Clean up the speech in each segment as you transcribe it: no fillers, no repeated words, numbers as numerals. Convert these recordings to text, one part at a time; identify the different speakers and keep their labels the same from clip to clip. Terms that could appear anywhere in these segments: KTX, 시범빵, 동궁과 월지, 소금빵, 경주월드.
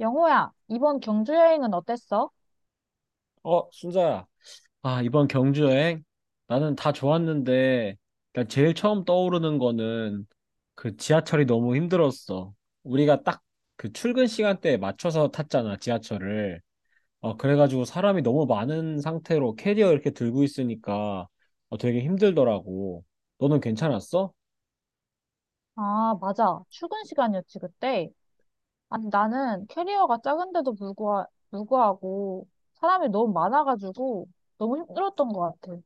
Speaker 1: 영호야, 이번 경주 여행은 어땠어?
Speaker 2: 어, 순자야. 아, 이번 경주 여행 나는 다 좋았는데, 그러니까 제일 처음 떠오르는 거는 그 지하철이 너무 힘들었어. 우리가 딱 그 출근 시간대에 맞춰서 탔잖아, 지하철을. 그래가지고 사람이 너무 많은 상태로 캐리어 이렇게 들고 있으니까 되게 힘들더라고. 너는 괜찮았어?
Speaker 1: 아, 맞아. 출근 시간이었지, 그때. 아니, 나는 캐리어가 작은데도 불구하고 사람이 너무 많아가지고 너무 힘들었던 것 같아.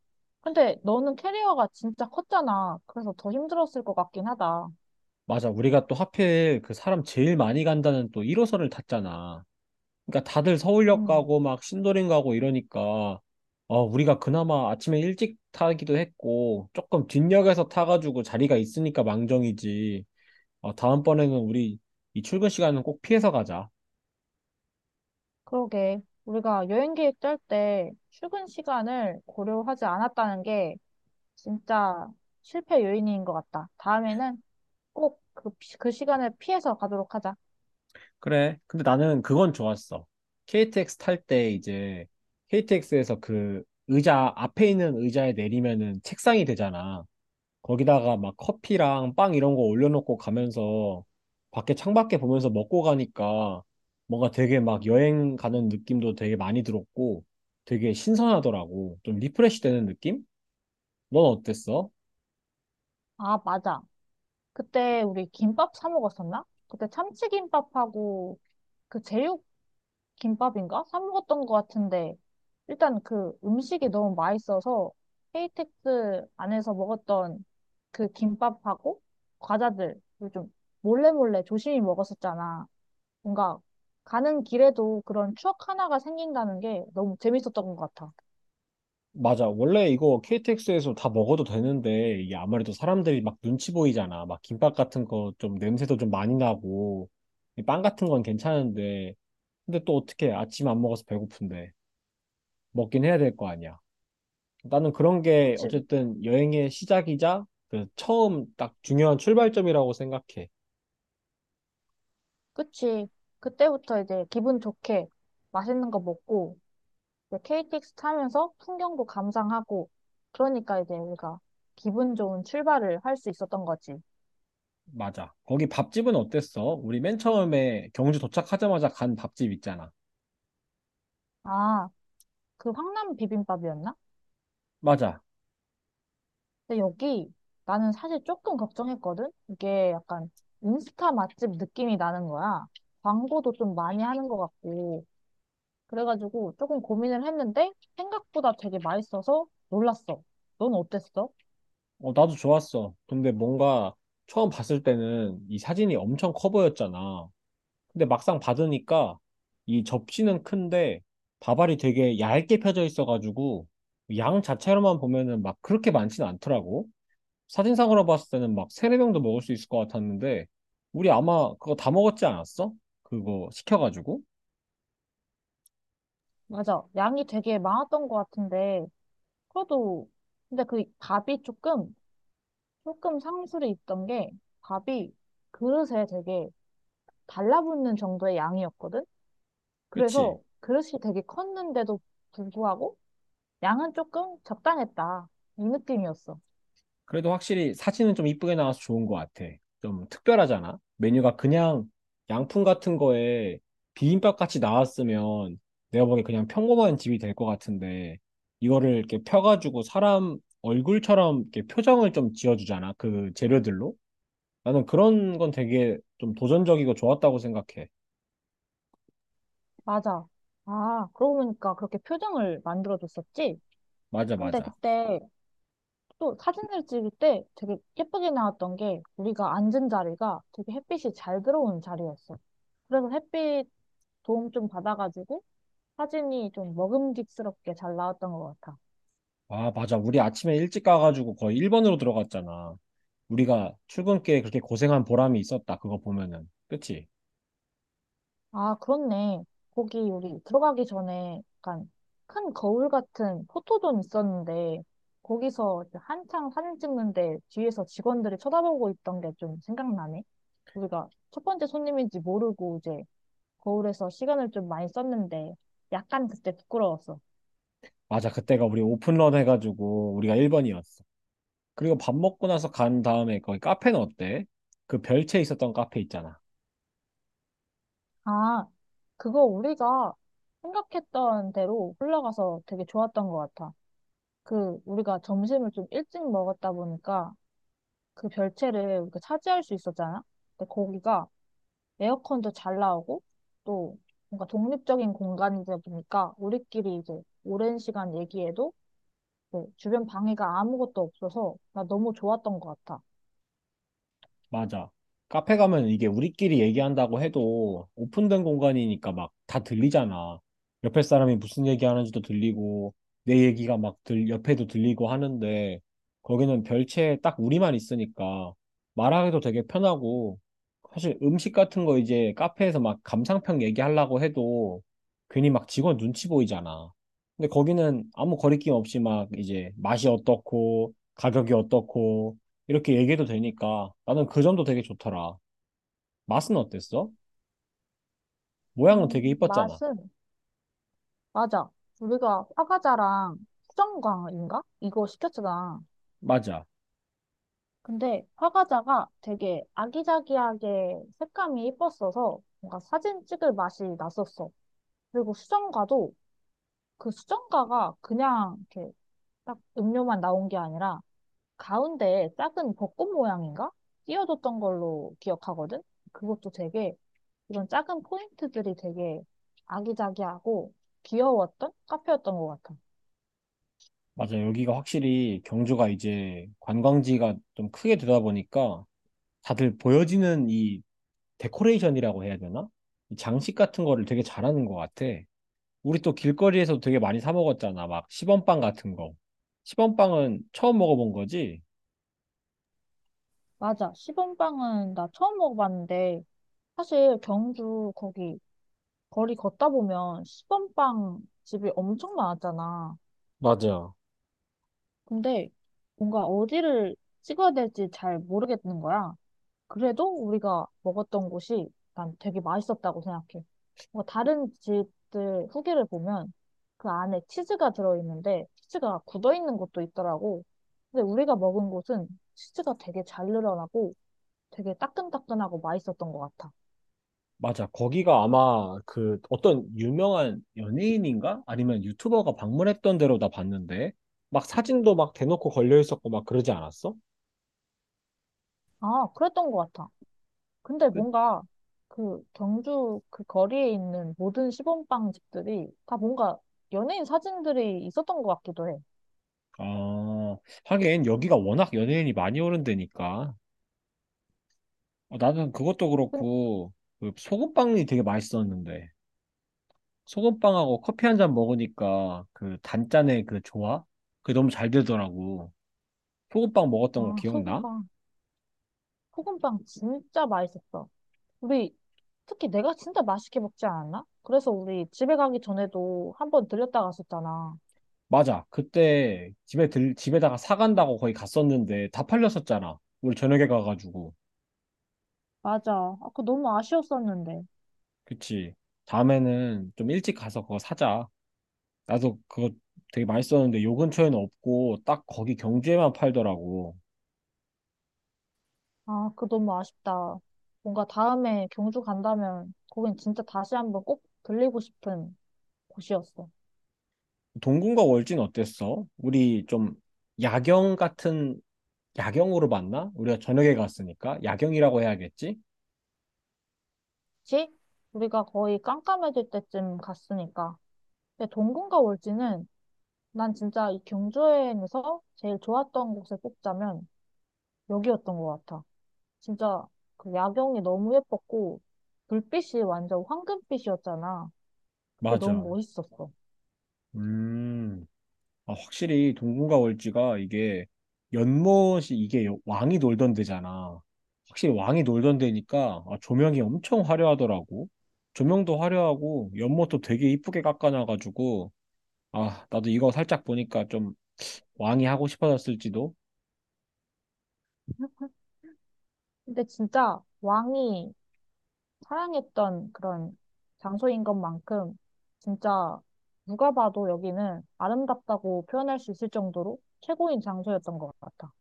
Speaker 1: 근데 너는 캐리어가 진짜 컸잖아. 그래서 더 힘들었을 것 같긴 하다.
Speaker 2: 맞아, 우리가 또 하필 그 사람 제일 많이 간다는 또 1호선을 탔잖아. 그러니까 다들 서울역
Speaker 1: 음,
Speaker 2: 가고 막 신도림 가고 이러니까 우리가 그나마 아침에 일찍 타기도 했고 조금 뒷역에서 타가지고 자리가 있으니까 망정이지. 다음번에는 우리 이 출근 시간은 꼭 피해서 가자.
Speaker 1: 그러게. 우리가 여행 계획 짤 때 출근 시간을 고려하지 않았다는 게 진짜 실패 요인인 것 같다. 다음에는 꼭 그 시간을 피해서 가도록 하자.
Speaker 2: 그래. 근데 나는 그건 좋았어. KTX 탈 때 이제 KTX에서 그 의자 앞에 있는 의자에 내리면은 책상이 되잖아. 거기다가 막 커피랑 빵 이런 거 올려놓고 가면서 밖에 창밖에 보면서 먹고 가니까 뭔가 되게 막 여행 가는 느낌도 되게 많이 들었고 되게 신선하더라고. 좀 리프레시 되는 느낌? 넌 어땠어?
Speaker 1: 아, 맞아. 그때 우리 김밥 사 먹었었나? 그때 참치김밥하고 그 제육김밥인가? 사 먹었던 것 같은데 일단 그 음식이 너무 맛있어서 KTX 안에서 먹었던 그 김밥하고 과자들을 좀 몰래몰래 조심히 먹었었잖아. 뭔가 가는 길에도 그런 추억 하나가 생긴다는 게 너무 재밌었던 것 같아.
Speaker 2: 맞아. 원래 이거 KTX에서 다 먹어도 되는데 이게 아무래도 사람들이 막 눈치 보이잖아. 막 김밥 같은 거 좀 냄새도 좀 많이 나고 이빵 같은 건 괜찮은데 근데 또 어떻게 아침 안 먹어서 배고픈데 먹긴 해야 될 거 아니야. 나는 그런 게
Speaker 1: 그치?
Speaker 2: 어쨌든 여행의 시작이자 그 처음 딱 중요한 출발점이라고 생각해.
Speaker 1: 그치? 그때부터 이제 기분 좋게 맛있는 거 먹고 이제 KTX 타면서 풍경도 감상하고, 그러니까 이제 우리가 기분 좋은 출발을 할 수 있었던 거지.
Speaker 2: 맞아. 거기 밥집은 어땠어? 우리 맨 처음에 경주 도착하자마자 간 밥집 있잖아.
Speaker 1: 아, 그 황남 비빔밥이었나?
Speaker 2: 맞아.
Speaker 1: 근데 여기 나는 사실 조금 걱정했거든? 이게 약간 인스타 맛집 느낌이 나는 거야. 광고도 좀 많이 하는 것 같고. 그래가지고 조금 고민을 했는데 생각보다 되게 맛있어서 놀랐어. 넌 어땠어?
Speaker 2: 어, 나도 좋았어. 근데 뭔가 처음 봤을 때는 이 사진이 엄청 커 보였잖아. 근데 막상 받으니까 이 접시는 큰데 밥알이 되게 얇게 펴져 있어가지고 양 자체로만 보면은 막 그렇게 많진 않더라고. 사진상으로 봤을 때는 막 세네 병도 먹을 수 있을 것 같았는데 우리 아마 그거 다 먹었지 않았어? 그거 시켜가지고,
Speaker 1: 맞아. 양이 되게 많았던 것 같은데, 그래도 근데 그 밥이 조금 조금 상술이 있던 게 밥이 그릇에 되게 달라붙는 정도의 양이었거든?
Speaker 2: 그치?
Speaker 1: 그래서 그릇이 되게 컸는데도 불구하고 양은 조금 적당했다. 이 느낌이었어.
Speaker 2: 그래도 확실히 사진은 좀 이쁘게 나와서 좋은 것 같아. 좀 특별하잖아. 메뉴가 그냥 양품 같은 거에 비빔밥 같이 나왔으면 내가 보기엔 그냥 평범한 집이 될 것 같은데 이거를 이렇게 펴가지고 사람 얼굴처럼 이렇게 표정을 좀 지어주잖아. 그 재료들로. 나는 그런 건 되게 좀 도전적이고 좋았다고 생각해.
Speaker 1: 맞아. 아, 그러고 보니까 그렇게 표정을 만들어줬었지?
Speaker 2: 맞아,
Speaker 1: 근데
Speaker 2: 맞아.
Speaker 1: 그때 또 사진을 찍을 때 되게 예쁘게 나왔던 게 우리가 앉은 자리가 되게 햇빛이 잘 들어오는 자리였어. 그래서 햇빛 도움 좀 받아가지고 사진이 좀 먹음직스럽게 잘 나왔던 것 같아.
Speaker 2: 아, 맞아. 우리 아침에 일찍 가가지고 거의 1번으로 들어갔잖아. 우리가 출근길에 그렇게 고생한 보람이 있었다. 그거 보면은. 그치?
Speaker 1: 아, 그렇네. 거기 우리 들어가기 전에 약간 큰 거울 같은 포토존 있었는데 거기서 이제 한창 사진 찍는데 뒤에서 직원들이 쳐다보고 있던 게 좀 생각나네. 우리가 첫 번째 손님인지 모르고 이제 거울에서 시간을 좀 많이 썼는데 약간 그때 부끄러웠어.
Speaker 2: 맞아. 그때가 우리 오픈런 해가지고 우리가 1번이었어. 그리고 밥 먹고 나서 간 다음에 거기 카페는 어때? 그 별채 있었던 카페 있잖아.
Speaker 1: 아, 그거 우리가 생각했던 대로 흘러가서 되게 좋았던 것 같아. 그 우리가 점심을 좀 일찍 먹었다 보니까 그 별채를 이렇게 차지할 수 있었잖아. 근데 거기가 에어컨도 잘 나오고 또 뭔가 독립적인 공간이다 보니까 우리끼리 이제 오랜 시간 얘기해도 이제 주변 방해가 아무것도 없어서 나 너무 좋았던 것 같아.
Speaker 2: 맞아. 카페 가면 이게 우리끼리 얘기한다고 해도 오픈된 공간이니까 막 다 들리잖아. 옆에 사람이 무슨 얘기하는지도 들리고 내 얘기가 막 옆에도 들리고 하는데 거기는 별채에 딱 우리만 있으니까 말하기도 되게 편하고 사실 음식 같은 거 이제 카페에서 막 감상평 얘기하려고 해도 괜히 막 직원 눈치 보이잖아. 근데 거기는 아무 거리낌 없이 막 이제 맛이 어떻고 가격이 어떻고 이렇게 얘기해도 되니까 나는 그 점도 되게 좋더라. 맛은 어땠어? 모양은 되게 이뻤잖아.
Speaker 1: 맛은 맞아. 우리가 화과자랑 수정과인가? 이거 시켰잖아.
Speaker 2: 맞아.
Speaker 1: 근데 화과자가 되게 아기자기하게 색감이 예뻤어서 뭔가 사진 찍을 맛이 났었어. 그리고 수정과도 그 수정가가 그냥 이렇게 딱 음료만 나온 게 아니라 가운데에 작은 벚꽃 모양인가? 띄워줬던 걸로 기억하거든? 그것도 되게 이런 작은 포인트들이 되게 아기자기하고 귀여웠던 카페였던 것 같아.
Speaker 2: 맞아. 여기가 확실히 경주가 이제 관광지가 좀 크게 되다 보니까 다들 보여지는 이 데코레이션이라고 해야 되나? 이 장식 같은 거를 되게 잘하는 것 같아. 우리 또 길거리에서 되게 많이 사 먹었잖아. 막 시범빵 같은 거. 시범빵은 처음 먹어본 거지?
Speaker 1: 맞아. 시범빵은 나 처음 먹어봤는데 사실 경주 거기 거리 걷다 보면 시범빵 집이 엄청 많았잖아.
Speaker 2: 맞아.
Speaker 1: 근데 뭔가 어디를 찍어야 될지 잘 모르겠는 거야. 그래도 우리가 먹었던 곳이 난 되게 맛있었다고 생각해. 뭐 다른 집들 후기를 보면 그 안에 치즈가 들어있는데 치즈가 굳어있는 곳도 있더라고. 근데 우리가 먹은 곳은 치즈가 되게 잘 늘어나고 되게 따끈따끈하고 맛있었던 것 같아.
Speaker 2: 맞아. 거기가 아마 그 어떤 유명한 연예인인가? 아니면 유튜버가 방문했던 데로 나 봤는데, 막 사진도 막 대놓고 걸려 있었고 막 그러지 않았어?
Speaker 1: 아, 그랬던 것 같아. 근데
Speaker 2: 그,
Speaker 1: 뭔가 그 경주 그 거리에 있는 모든 시범빵 집들이 다 뭔가 연예인 사진들이 있었던 것 같기도 해.
Speaker 2: 아, 하긴 여기가 워낙 연예인이 많이 오는 데니까. 나는 그것도
Speaker 1: 근-
Speaker 2: 그렇고, 그 소금빵이 되게 맛있었는데, 소금빵하고 커피 한 잔 먹으니까 그 단짠의 그 조화? 그게 너무 잘 되더라고. 소금빵 먹었던 거
Speaker 1: 아,
Speaker 2: 기억나?
Speaker 1: 소금빵. 소금빵 진짜 맛있었어. 우리 특히 내가 진짜 맛있게 먹지 않았나? 그래서 우리 집에 가기 전에도 한번 들렸다 갔었잖아.
Speaker 2: 맞아. 그때 집에 집에다가 사간다고 거의 갔었는데 다 팔렸었잖아. 우리 저녁에 가가지고.
Speaker 1: 맞아. 아, 그거 너무 아쉬웠었는데.
Speaker 2: 그치. 다음에는 좀 일찍 가서 그거 사자. 나도 그거 되게 맛있었는데 요 근처에는 없고 딱 거기 경주에만 팔더라고.
Speaker 1: 아, 그거 너무 아쉽다. 뭔가 다음에 경주 간다면 거긴 진짜 다시 한번 꼭 들리고 싶은 곳이었어.
Speaker 2: 동궁과 월진 어땠어? 우리 좀 야경 같은, 야경으로 봤나? 우리가 저녁에 갔으니까. 야경이라고 해야겠지?
Speaker 1: 그치? 우리가 거의 깜깜해질 때쯤 갔으니까. 근데 동궁과 월지는 난 진짜 이 경주 여행에서 제일 좋았던 곳을 꼽자면 여기였던 것 같아. 진짜 그 야경이 너무 예뻤고 불빛이 완전 황금빛이었잖아. 그게 너무
Speaker 2: 맞아.
Speaker 1: 멋있었어.
Speaker 2: 음. 아, 확실히 동궁과 월지가 이게 연못이 이게 왕이 놀던 데잖아. 확실히 왕이 놀던 데니까 아, 조명이 엄청 화려하더라고. 조명도 화려하고 연못도 되게 이쁘게 깎아놔가지고 아 나도 이거 살짝 보니까 좀 왕이 하고 싶어졌을지도.
Speaker 1: 근데 진짜 왕이 사랑했던 그런 장소인 것만큼 진짜 누가 봐도 여기는 아름답다고 표현할 수 있을 정도로 최고인 장소였던 것 같아.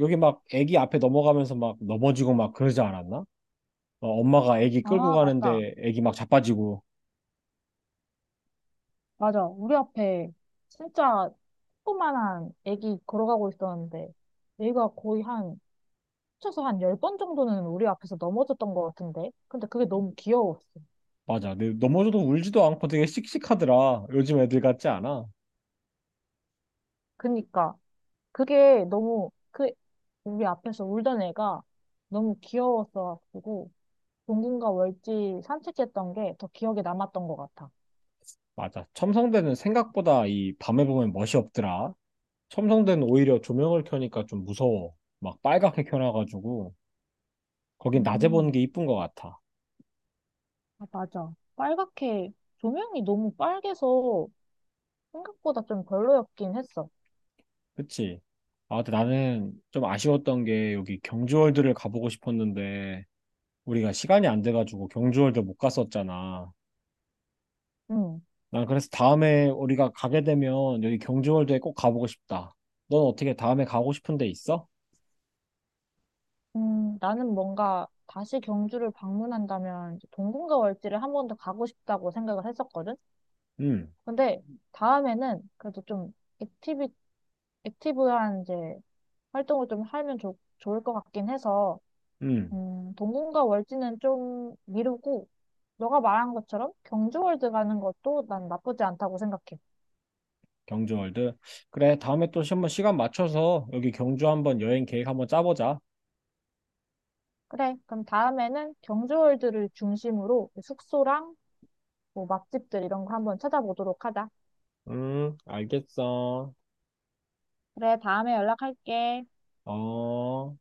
Speaker 2: 여기 막 애기 앞에 넘어가면서 막 넘어지고 막 그러지 않았나? 엄마가 애기 끌고
Speaker 1: 아, 맞다.
Speaker 2: 가는데 애기 막 자빠지고
Speaker 1: 맞아. 우리 앞에 진짜 조그만한 애기 걸어가고 있었는데 얘가 거의 한 합쳐서 한 10번 정도는 우리 앞에서 넘어졌던 것 같은데. 근데 그게 너무 귀여웠어.
Speaker 2: 맞아. 근데 넘어져도 울지도 않고 되게 씩씩하더라. 요즘 애들 같지 않아?
Speaker 1: 그니까. 그게 너무, 그, 우리 앞에서 울던 애가 너무 귀여웠어가지고, 동궁과 월지 산책했던 게 더 기억에 남았던 것 같아.
Speaker 2: 맞아. 첨성대는 생각보다 이 밤에 보면 멋이 없더라. 첨성대는 오히려 조명을 켜니까 좀 무서워. 막 빨갛게 켜놔가지고 거긴 낮에 보는
Speaker 1: 음,
Speaker 2: 게 이쁜 것 같아.
Speaker 1: 아, 맞아. 빨갛게, 조명이 너무 빨개서 생각보다 좀 별로였긴 했어.
Speaker 2: 그치? 아, 근데 나는 좀 아쉬웠던 게 여기 경주월드를 가보고 싶었는데 우리가 시간이 안 돼가지고 경주월드 못 갔었잖아.
Speaker 1: 음
Speaker 2: 난 그래서 다음에 우리가 가게 되면 여기 경주월드에 꼭 가보고 싶다. 넌 어떻게 다음에 가고 싶은 데 있어?
Speaker 1: 나는 뭔가 다시 경주를 방문한다면 이제 동궁과 월지를 한 번 더 가고 싶다고 생각을 했었거든?
Speaker 2: 응,
Speaker 1: 근데 다음에는 그래도 좀 액티비, 액티브한 이제 활동을 좀 하면 좋을 것 같긴 해서,
Speaker 2: 응.
Speaker 1: 동궁과 월지는 좀 미루고, 너가 말한 것처럼 경주월드 가는 것도 난 나쁘지 않다고 생각해.
Speaker 2: 경주월드. 그래, 다음에 또 한번 시간 맞춰서 여기 경주 한번 여행 계획 한번 짜보자.
Speaker 1: 그래, 그럼 다음에는 경주월드를 중심으로 숙소랑 뭐 맛집들 이런 거 한번 찾아보도록 하자.
Speaker 2: 알겠어.
Speaker 1: 그래, 다음에 연락할게.
Speaker 2: 어.